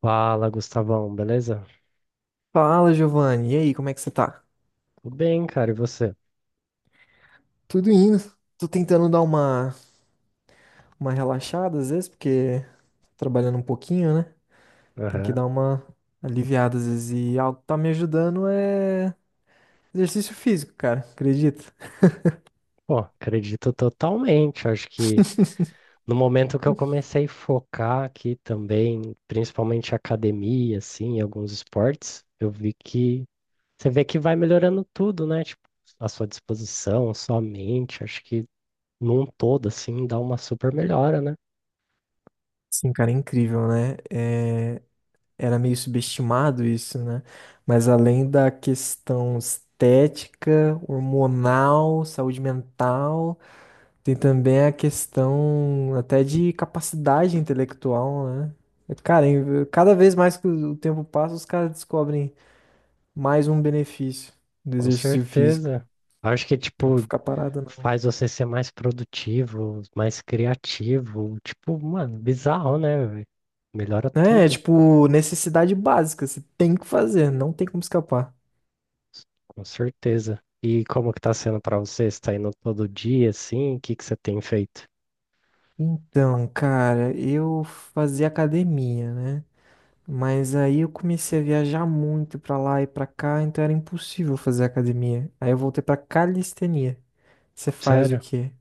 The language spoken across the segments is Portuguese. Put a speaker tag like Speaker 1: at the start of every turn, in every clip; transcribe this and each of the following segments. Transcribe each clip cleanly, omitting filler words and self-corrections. Speaker 1: Fala, Gustavão, beleza?
Speaker 2: Fala, Giovanni. E aí, como é que você tá?
Speaker 1: Tudo bem, cara, e você?
Speaker 2: Tudo indo. Tô tentando dar uma relaxada às vezes, porque trabalhando um pouquinho, né? Tem que
Speaker 1: Aham.
Speaker 2: dar uma aliviada às vezes. E algo que tá me ajudando é exercício físico, cara. Acredita?
Speaker 1: Pô, acredito totalmente. Acho que no momento que eu comecei a focar aqui também, principalmente academia, assim, e alguns esportes, eu vi que você vê que vai melhorando tudo, né? Tipo, a sua disposição, a sua mente, acho que num todo, assim, dá uma super melhora, né?
Speaker 2: Sim, cara, é incrível, né? Era meio subestimado isso, né? Mas além da questão estética, hormonal, saúde mental. Tem também a questão até de capacidade intelectual, né? Cara, cada vez mais que o tempo passa, os caras descobrem mais um benefício do
Speaker 1: Com
Speaker 2: exercício físico.
Speaker 1: certeza. Acho que,
Speaker 2: Não dá pra
Speaker 1: tipo,
Speaker 2: ficar parado, não.
Speaker 1: faz você ser mais produtivo, mais criativo. Tipo, mano, bizarro, né? Velho? Melhora
Speaker 2: Né? É,
Speaker 1: tudo,
Speaker 2: tipo, necessidade básica, você tem que fazer, não tem como escapar.
Speaker 1: com certeza. E como que tá sendo pra você? Você tá indo todo dia, assim? O que que você tem feito?
Speaker 2: Então, cara, eu fazia academia, né? Mas aí eu comecei a viajar muito pra lá e pra cá, então era impossível fazer academia. Aí eu voltei pra calistenia. Você faz o
Speaker 1: Sério?
Speaker 2: quê?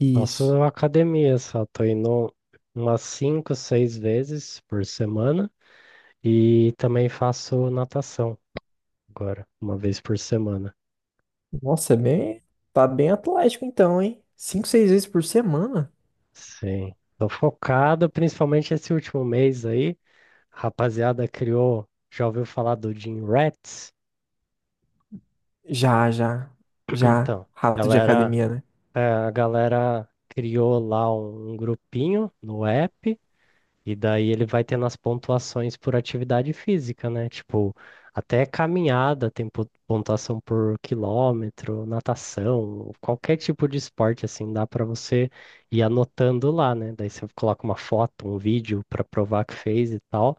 Speaker 2: Isso.
Speaker 1: Faço academia só, tô indo umas 5, 6 vezes por semana e também faço natação agora, uma vez por semana.
Speaker 2: Nossa, é bem. Tá bem atlético então, hein? Cinco, seis vezes por semana?
Speaker 1: Sim. Tô focado, principalmente esse último mês aí. Rapaziada criou, já ouviu falar do Gym Rats?
Speaker 2: Já, já. Já.
Speaker 1: Então,
Speaker 2: Rato de
Speaker 1: galera,
Speaker 2: academia, né?
Speaker 1: é, a galera criou lá um grupinho no app e daí ele vai tendo as pontuações por atividade física, né? Tipo, até caminhada tem pontuação por quilômetro, natação, qualquer tipo de esporte assim, dá pra você ir anotando lá, né? Daí você coloca uma foto, um vídeo pra provar que fez e tal,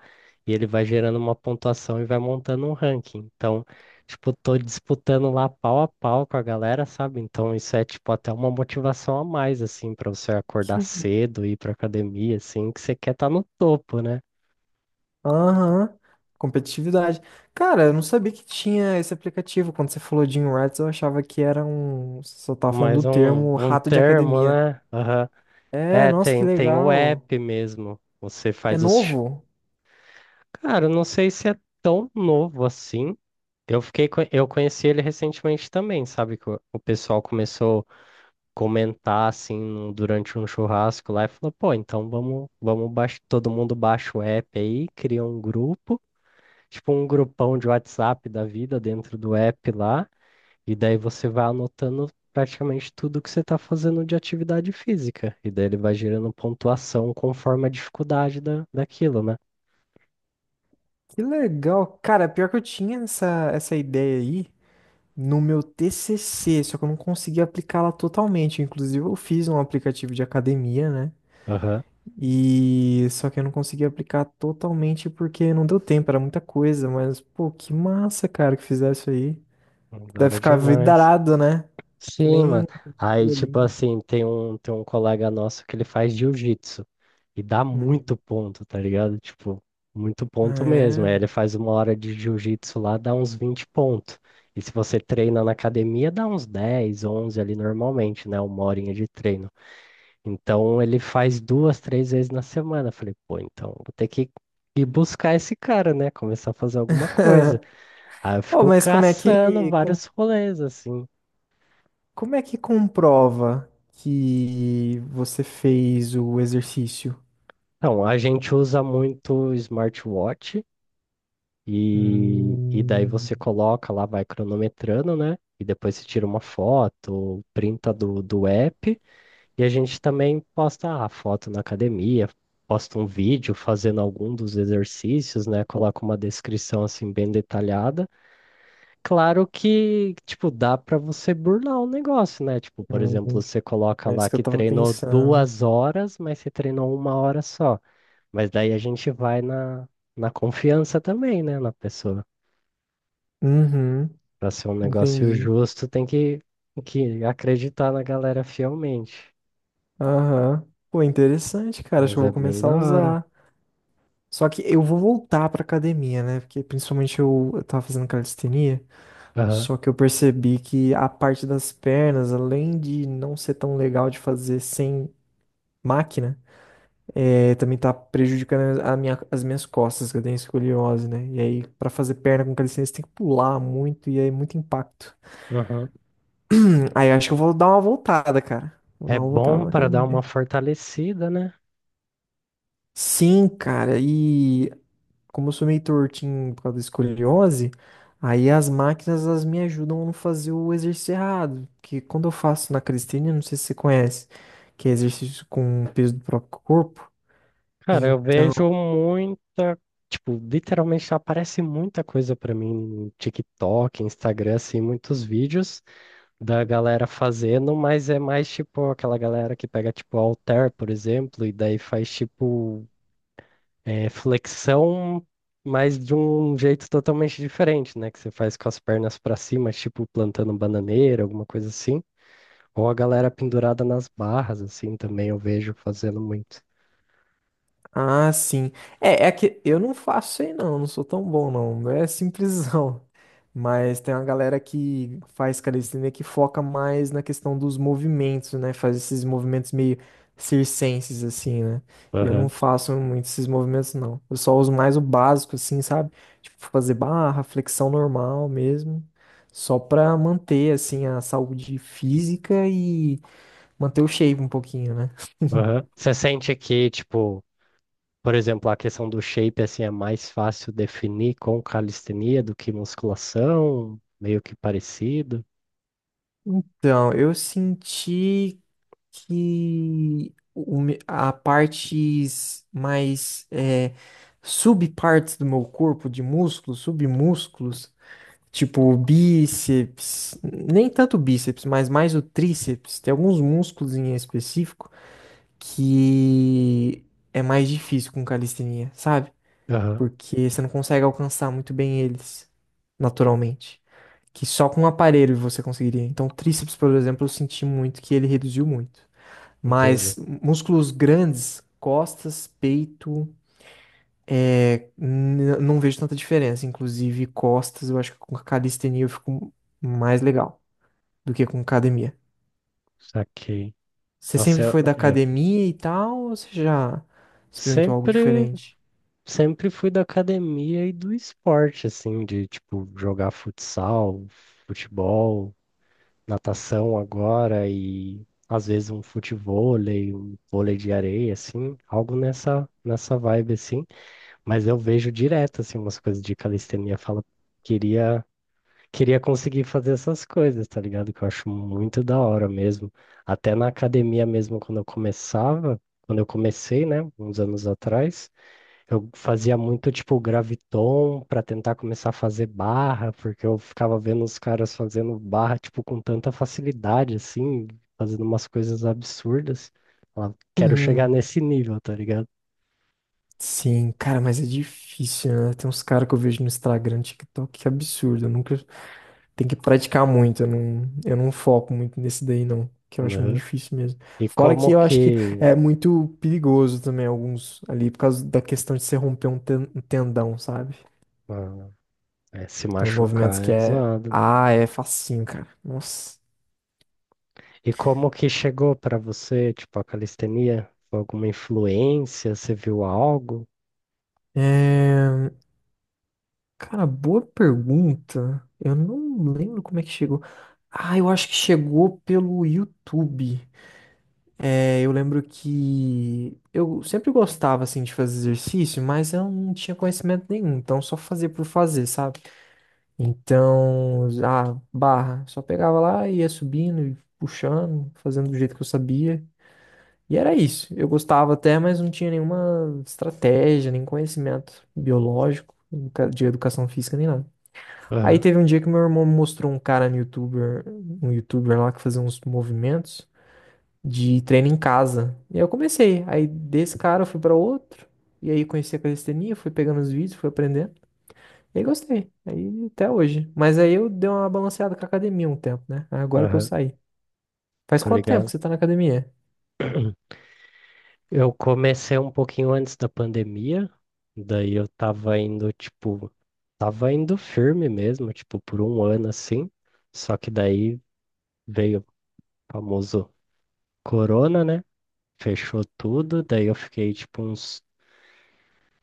Speaker 1: e ele vai gerando uma pontuação e vai montando um ranking. Então, tipo, tô disputando lá pau a pau com a galera, sabe? Então isso é, tipo, até uma motivação a mais, assim, pra você acordar
Speaker 2: Que-
Speaker 1: cedo, ir pra academia, assim, que você quer estar no topo, né?
Speaker 2: Aham. Competitividade. Cara, eu não sabia que tinha esse aplicativo. Quando você falou de Rats, eu achava que era um. Você só tava falando
Speaker 1: Mais
Speaker 2: do
Speaker 1: um,
Speaker 2: termo
Speaker 1: um
Speaker 2: rato de
Speaker 1: termo,
Speaker 2: academia.
Speaker 1: né? Aham.
Speaker 2: É,
Speaker 1: É,
Speaker 2: nossa, que
Speaker 1: tem o
Speaker 2: legal.
Speaker 1: app mesmo. Você
Speaker 2: É
Speaker 1: faz os. Ch-
Speaker 2: novo?
Speaker 1: Cara, eu não sei se é tão novo assim. Eu conheci ele recentemente também, sabe? Que o pessoal começou comentar assim durante um churrasco lá e falou, pô, então todo mundo baixa o app aí, cria um grupo, tipo um grupão de WhatsApp da vida dentro do app lá, e daí você vai anotando praticamente tudo que você tá fazendo de atividade física, e daí ele vai gerando pontuação conforme a dificuldade daquilo, né?
Speaker 2: Que legal. Cara, pior que eu tinha essa ideia aí no meu TCC, só que eu não consegui aplicá-la totalmente. Inclusive, eu fiz um aplicativo de academia, né?
Speaker 1: Aham.
Speaker 2: E só que eu não consegui aplicar totalmente porque não deu tempo, era muita coisa. Mas, pô, que massa, cara, que fizesse isso aí.
Speaker 1: Da
Speaker 2: Deve
Speaker 1: hora
Speaker 2: ficar
Speaker 1: demais.
Speaker 2: vidrado, né? Que
Speaker 1: Sim,
Speaker 2: nem
Speaker 1: mano.
Speaker 2: um
Speaker 1: Aí, tipo
Speaker 2: bolinho.
Speaker 1: assim, tem um colega nosso que ele faz jiu-jitsu. E dá
Speaker 2: Uhum.
Speaker 1: muito ponto, tá ligado? Tipo, muito ponto mesmo. Aí
Speaker 2: É.
Speaker 1: ele faz uma hora de jiu-jitsu lá, dá uns 20 pontos. E se você treina na academia, dá uns 10, 11 ali normalmente, né? Uma horinha de treino. Então ele faz 2, 3 vezes na semana. Eu falei, pô, então vou ter que ir buscar esse cara, né? Começar a fazer alguma coisa. Aí eu
Speaker 2: Oh,
Speaker 1: fico
Speaker 2: mas
Speaker 1: caçando vários rolês, assim.
Speaker 2: como é que comprova que você fez o exercício?
Speaker 1: Então, a gente usa muito smartwatch. E daí
Speaker 2: Hum,
Speaker 1: você coloca lá, vai cronometrando, né? E depois você tira uma foto, printa do app. E a gente também posta a foto na academia, posta um vídeo fazendo algum dos exercícios, né? Coloca uma descrição assim bem detalhada. Claro que, tipo, dá para você burlar o negócio, né? Tipo, por exemplo,
Speaker 2: hum,
Speaker 1: você coloca
Speaker 2: é
Speaker 1: lá
Speaker 2: isso que eu
Speaker 1: que
Speaker 2: tava
Speaker 1: treinou
Speaker 2: pensando.
Speaker 1: 2 horas, mas você treinou uma hora só. Mas daí a gente vai na confiança também, né? Na pessoa.
Speaker 2: Uhum,
Speaker 1: Pra ser um negócio
Speaker 2: entendi.
Speaker 1: justo, tem que acreditar na galera fielmente.
Speaker 2: Aham. Pô, interessante, cara. Acho que
Speaker 1: Mas
Speaker 2: eu
Speaker 1: é
Speaker 2: vou
Speaker 1: bem
Speaker 2: começar a
Speaker 1: da hora.
Speaker 2: usar. Só que eu vou voltar pra academia, né? Porque principalmente eu tava fazendo calistenia.
Speaker 1: Aham,
Speaker 2: Só que eu percebi que a parte das pernas, além de não ser tão legal de fazer sem máquina, é, também tá prejudicando as minhas costas, que eu tenho escoliose, né? E aí, pra fazer perna com calistenia, você tem que pular muito e aí é muito impacto.
Speaker 1: aham.
Speaker 2: Aí acho que eu vou dar uma voltada, cara. Vou dar
Speaker 1: É
Speaker 2: uma
Speaker 1: bom
Speaker 2: voltada na
Speaker 1: para dar uma
Speaker 2: academia.
Speaker 1: fortalecida, né?
Speaker 2: Sim, cara, e como eu sou meio tortinho por causa da escoliose, aí as máquinas elas me ajudam a não fazer o exercício errado, que quando eu faço na calistenia, não sei se você conhece, que é exercício com o peso do próprio corpo,
Speaker 1: Cara, eu
Speaker 2: então
Speaker 1: vejo muita. Tipo, literalmente aparece muita coisa pra mim no TikTok, Instagram, assim, muitos vídeos da galera fazendo, mas é mais tipo aquela galera que pega, tipo, halter, por exemplo, e daí faz tipo é flexão, mas de um jeito totalmente diferente, né? Que você faz com as pernas para cima, tipo plantando bananeira, alguma coisa assim. Ou a galera pendurada nas barras, assim, também eu vejo fazendo muito.
Speaker 2: Ah, sim. É, é que eu não faço isso aí não, não sou tão bom não. É simplesão. Mas tem uma galera que faz calistenia que foca mais na questão dos movimentos, né? Faz esses movimentos meio circenses assim, né? Eu não
Speaker 1: Aham,
Speaker 2: faço muito esses movimentos não. Eu só uso mais o básico assim, sabe? Tipo fazer barra, flexão normal mesmo, só pra manter assim a saúde física e manter o shape um pouquinho, né?
Speaker 1: aham. Você sente que, tipo, por exemplo, a questão do shape, assim, é mais fácil definir com calistenia do que musculação? Meio que parecido?
Speaker 2: Então, eu senti que a partes mais é, subpartes do meu corpo, de músculos, submúsculos, tipo o bíceps, nem tanto o bíceps, mas mais o tríceps, tem alguns músculos em específico que é mais difícil com calistenia, sabe?
Speaker 1: Aham,
Speaker 2: Porque você não consegue alcançar muito bem eles naturalmente. Que só com um aparelho você conseguiria. Então, o tríceps, por exemplo, eu senti muito que ele reduziu muito. Mas
Speaker 1: entendi.
Speaker 2: músculos grandes, costas, peito, é, não vejo tanta diferença. Inclusive, costas, eu acho que com calistenia eu fico mais legal do que com academia.
Speaker 1: Saquei.
Speaker 2: Você
Speaker 1: Nossa,
Speaker 2: sempre
Speaker 1: eu,
Speaker 2: foi da
Speaker 1: eu
Speaker 2: academia e tal, ou você já experimentou algo
Speaker 1: sempre.
Speaker 2: diferente?
Speaker 1: Sempre fui da academia e do esporte, assim, de tipo jogar futsal, futebol, natação agora e às vezes um futevôlei, um vôlei de areia, assim, algo nessa vibe, assim. Mas eu vejo direto, assim, umas coisas de calistenia, falo, queria queria conseguir fazer essas coisas, tá ligado? Que eu acho muito da hora mesmo. Até na academia mesmo, quando eu começava, quando eu comecei, né, uns anos atrás. Eu fazia muito tipo graviton para tentar começar a fazer barra, porque eu ficava vendo os caras fazendo barra tipo com tanta facilidade assim, fazendo umas coisas absurdas. Falava, quero chegar
Speaker 2: Uhum.
Speaker 1: nesse nível, tá ligado?
Speaker 2: Sim, cara, mas é difícil, né? Tem uns caras que eu vejo no Instagram, TikTok, que absurdo. Eu nunca Tem que praticar muito, eu não foco muito nesse daí, não. Que eu acho muito
Speaker 1: Aham.
Speaker 2: difícil mesmo.
Speaker 1: E
Speaker 2: Fora que
Speaker 1: como
Speaker 2: eu acho que
Speaker 1: que
Speaker 2: é muito perigoso também, alguns ali, por causa da questão de você um tendão, sabe?
Speaker 1: ah, é, se
Speaker 2: Tem uns
Speaker 1: machucar
Speaker 2: movimentos que
Speaker 1: é
Speaker 2: é.
Speaker 1: zoado. Né?
Speaker 2: Ah, é facinho, cara. Nossa.
Speaker 1: E como que chegou para você, tipo a calistenia? Foi alguma influência? Você viu algo?
Speaker 2: É... Cara, boa pergunta. Eu não lembro como é que chegou. Ah, eu acho que chegou pelo YouTube. É, eu lembro que eu sempre gostava assim de fazer exercício, mas eu não tinha conhecimento nenhum, então só fazia por fazer, sabe? Então, a barra, só pegava lá e ia subindo, e puxando, fazendo do jeito que eu sabia. E era isso. Eu gostava até, mas não tinha nenhuma estratégia, nem conhecimento biológico, de educação física, nem nada. Aí
Speaker 1: Aham,
Speaker 2: teve um dia que meu irmão me mostrou um cara no YouTuber, um YouTuber lá que fazia uns movimentos de treino em casa. E aí eu comecei. Aí desse cara eu fui pra outro. E aí conheci a calistenia, fui pegando os vídeos, fui aprendendo. E aí gostei. Aí até hoje. Mas aí eu dei uma balanceada com a academia um tempo, né? Agora que eu
Speaker 1: aham,
Speaker 2: saí. Faz
Speaker 1: tá
Speaker 2: quanto tempo que
Speaker 1: ligado?
Speaker 2: você tá na academia?
Speaker 1: Eu comecei um pouquinho antes da pandemia, daí eu tava indo, tipo, tava indo firme mesmo, tipo, por um ano assim. Só que daí veio o famoso corona, né? Fechou tudo, daí eu fiquei, tipo, uns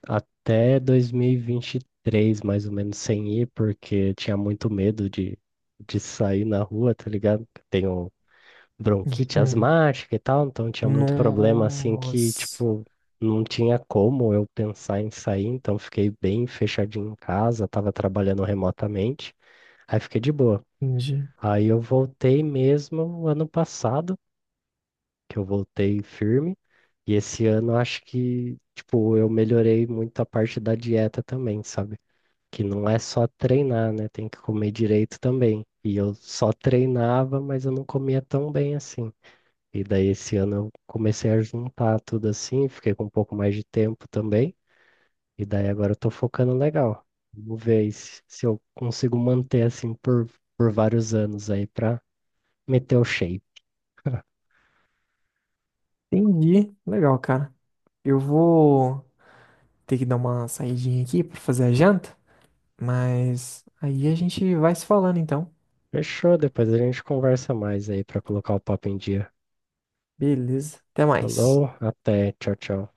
Speaker 1: até dois mil e vinte e três, mais ou menos, sem ir, porque tinha muito medo de sair na rua, tá ligado? Tenho bronquite
Speaker 2: Hum.
Speaker 1: asmática e tal, então tinha muito problema assim que,
Speaker 2: Nossa.
Speaker 1: tipo, não tinha como eu pensar em sair, então fiquei bem fechadinho em casa, tava trabalhando remotamente, aí fiquei de boa.
Speaker 2: Entendi.
Speaker 1: Aí eu voltei mesmo ano passado, que eu voltei firme, e esse ano eu acho que, tipo, eu melhorei muito a parte da dieta também, sabe? Que não é só treinar, né? Tem que comer direito também. E eu só treinava, mas eu não comia tão bem assim. E daí esse ano eu comecei a juntar tudo assim, fiquei com um pouco mais de tempo também. E daí agora eu tô focando legal. Vamos ver aí se eu consigo manter assim por vários anos aí pra meter o shape.
Speaker 2: Entendi. Legal, cara. Eu vou ter que dar uma saidinha aqui pra fazer a janta. Mas aí a gente vai se falando então.
Speaker 1: Fechou, depois a gente conversa mais aí pra colocar o papo em dia.
Speaker 2: Beleza. Até mais.
Speaker 1: Falou, até, tchau, tchau.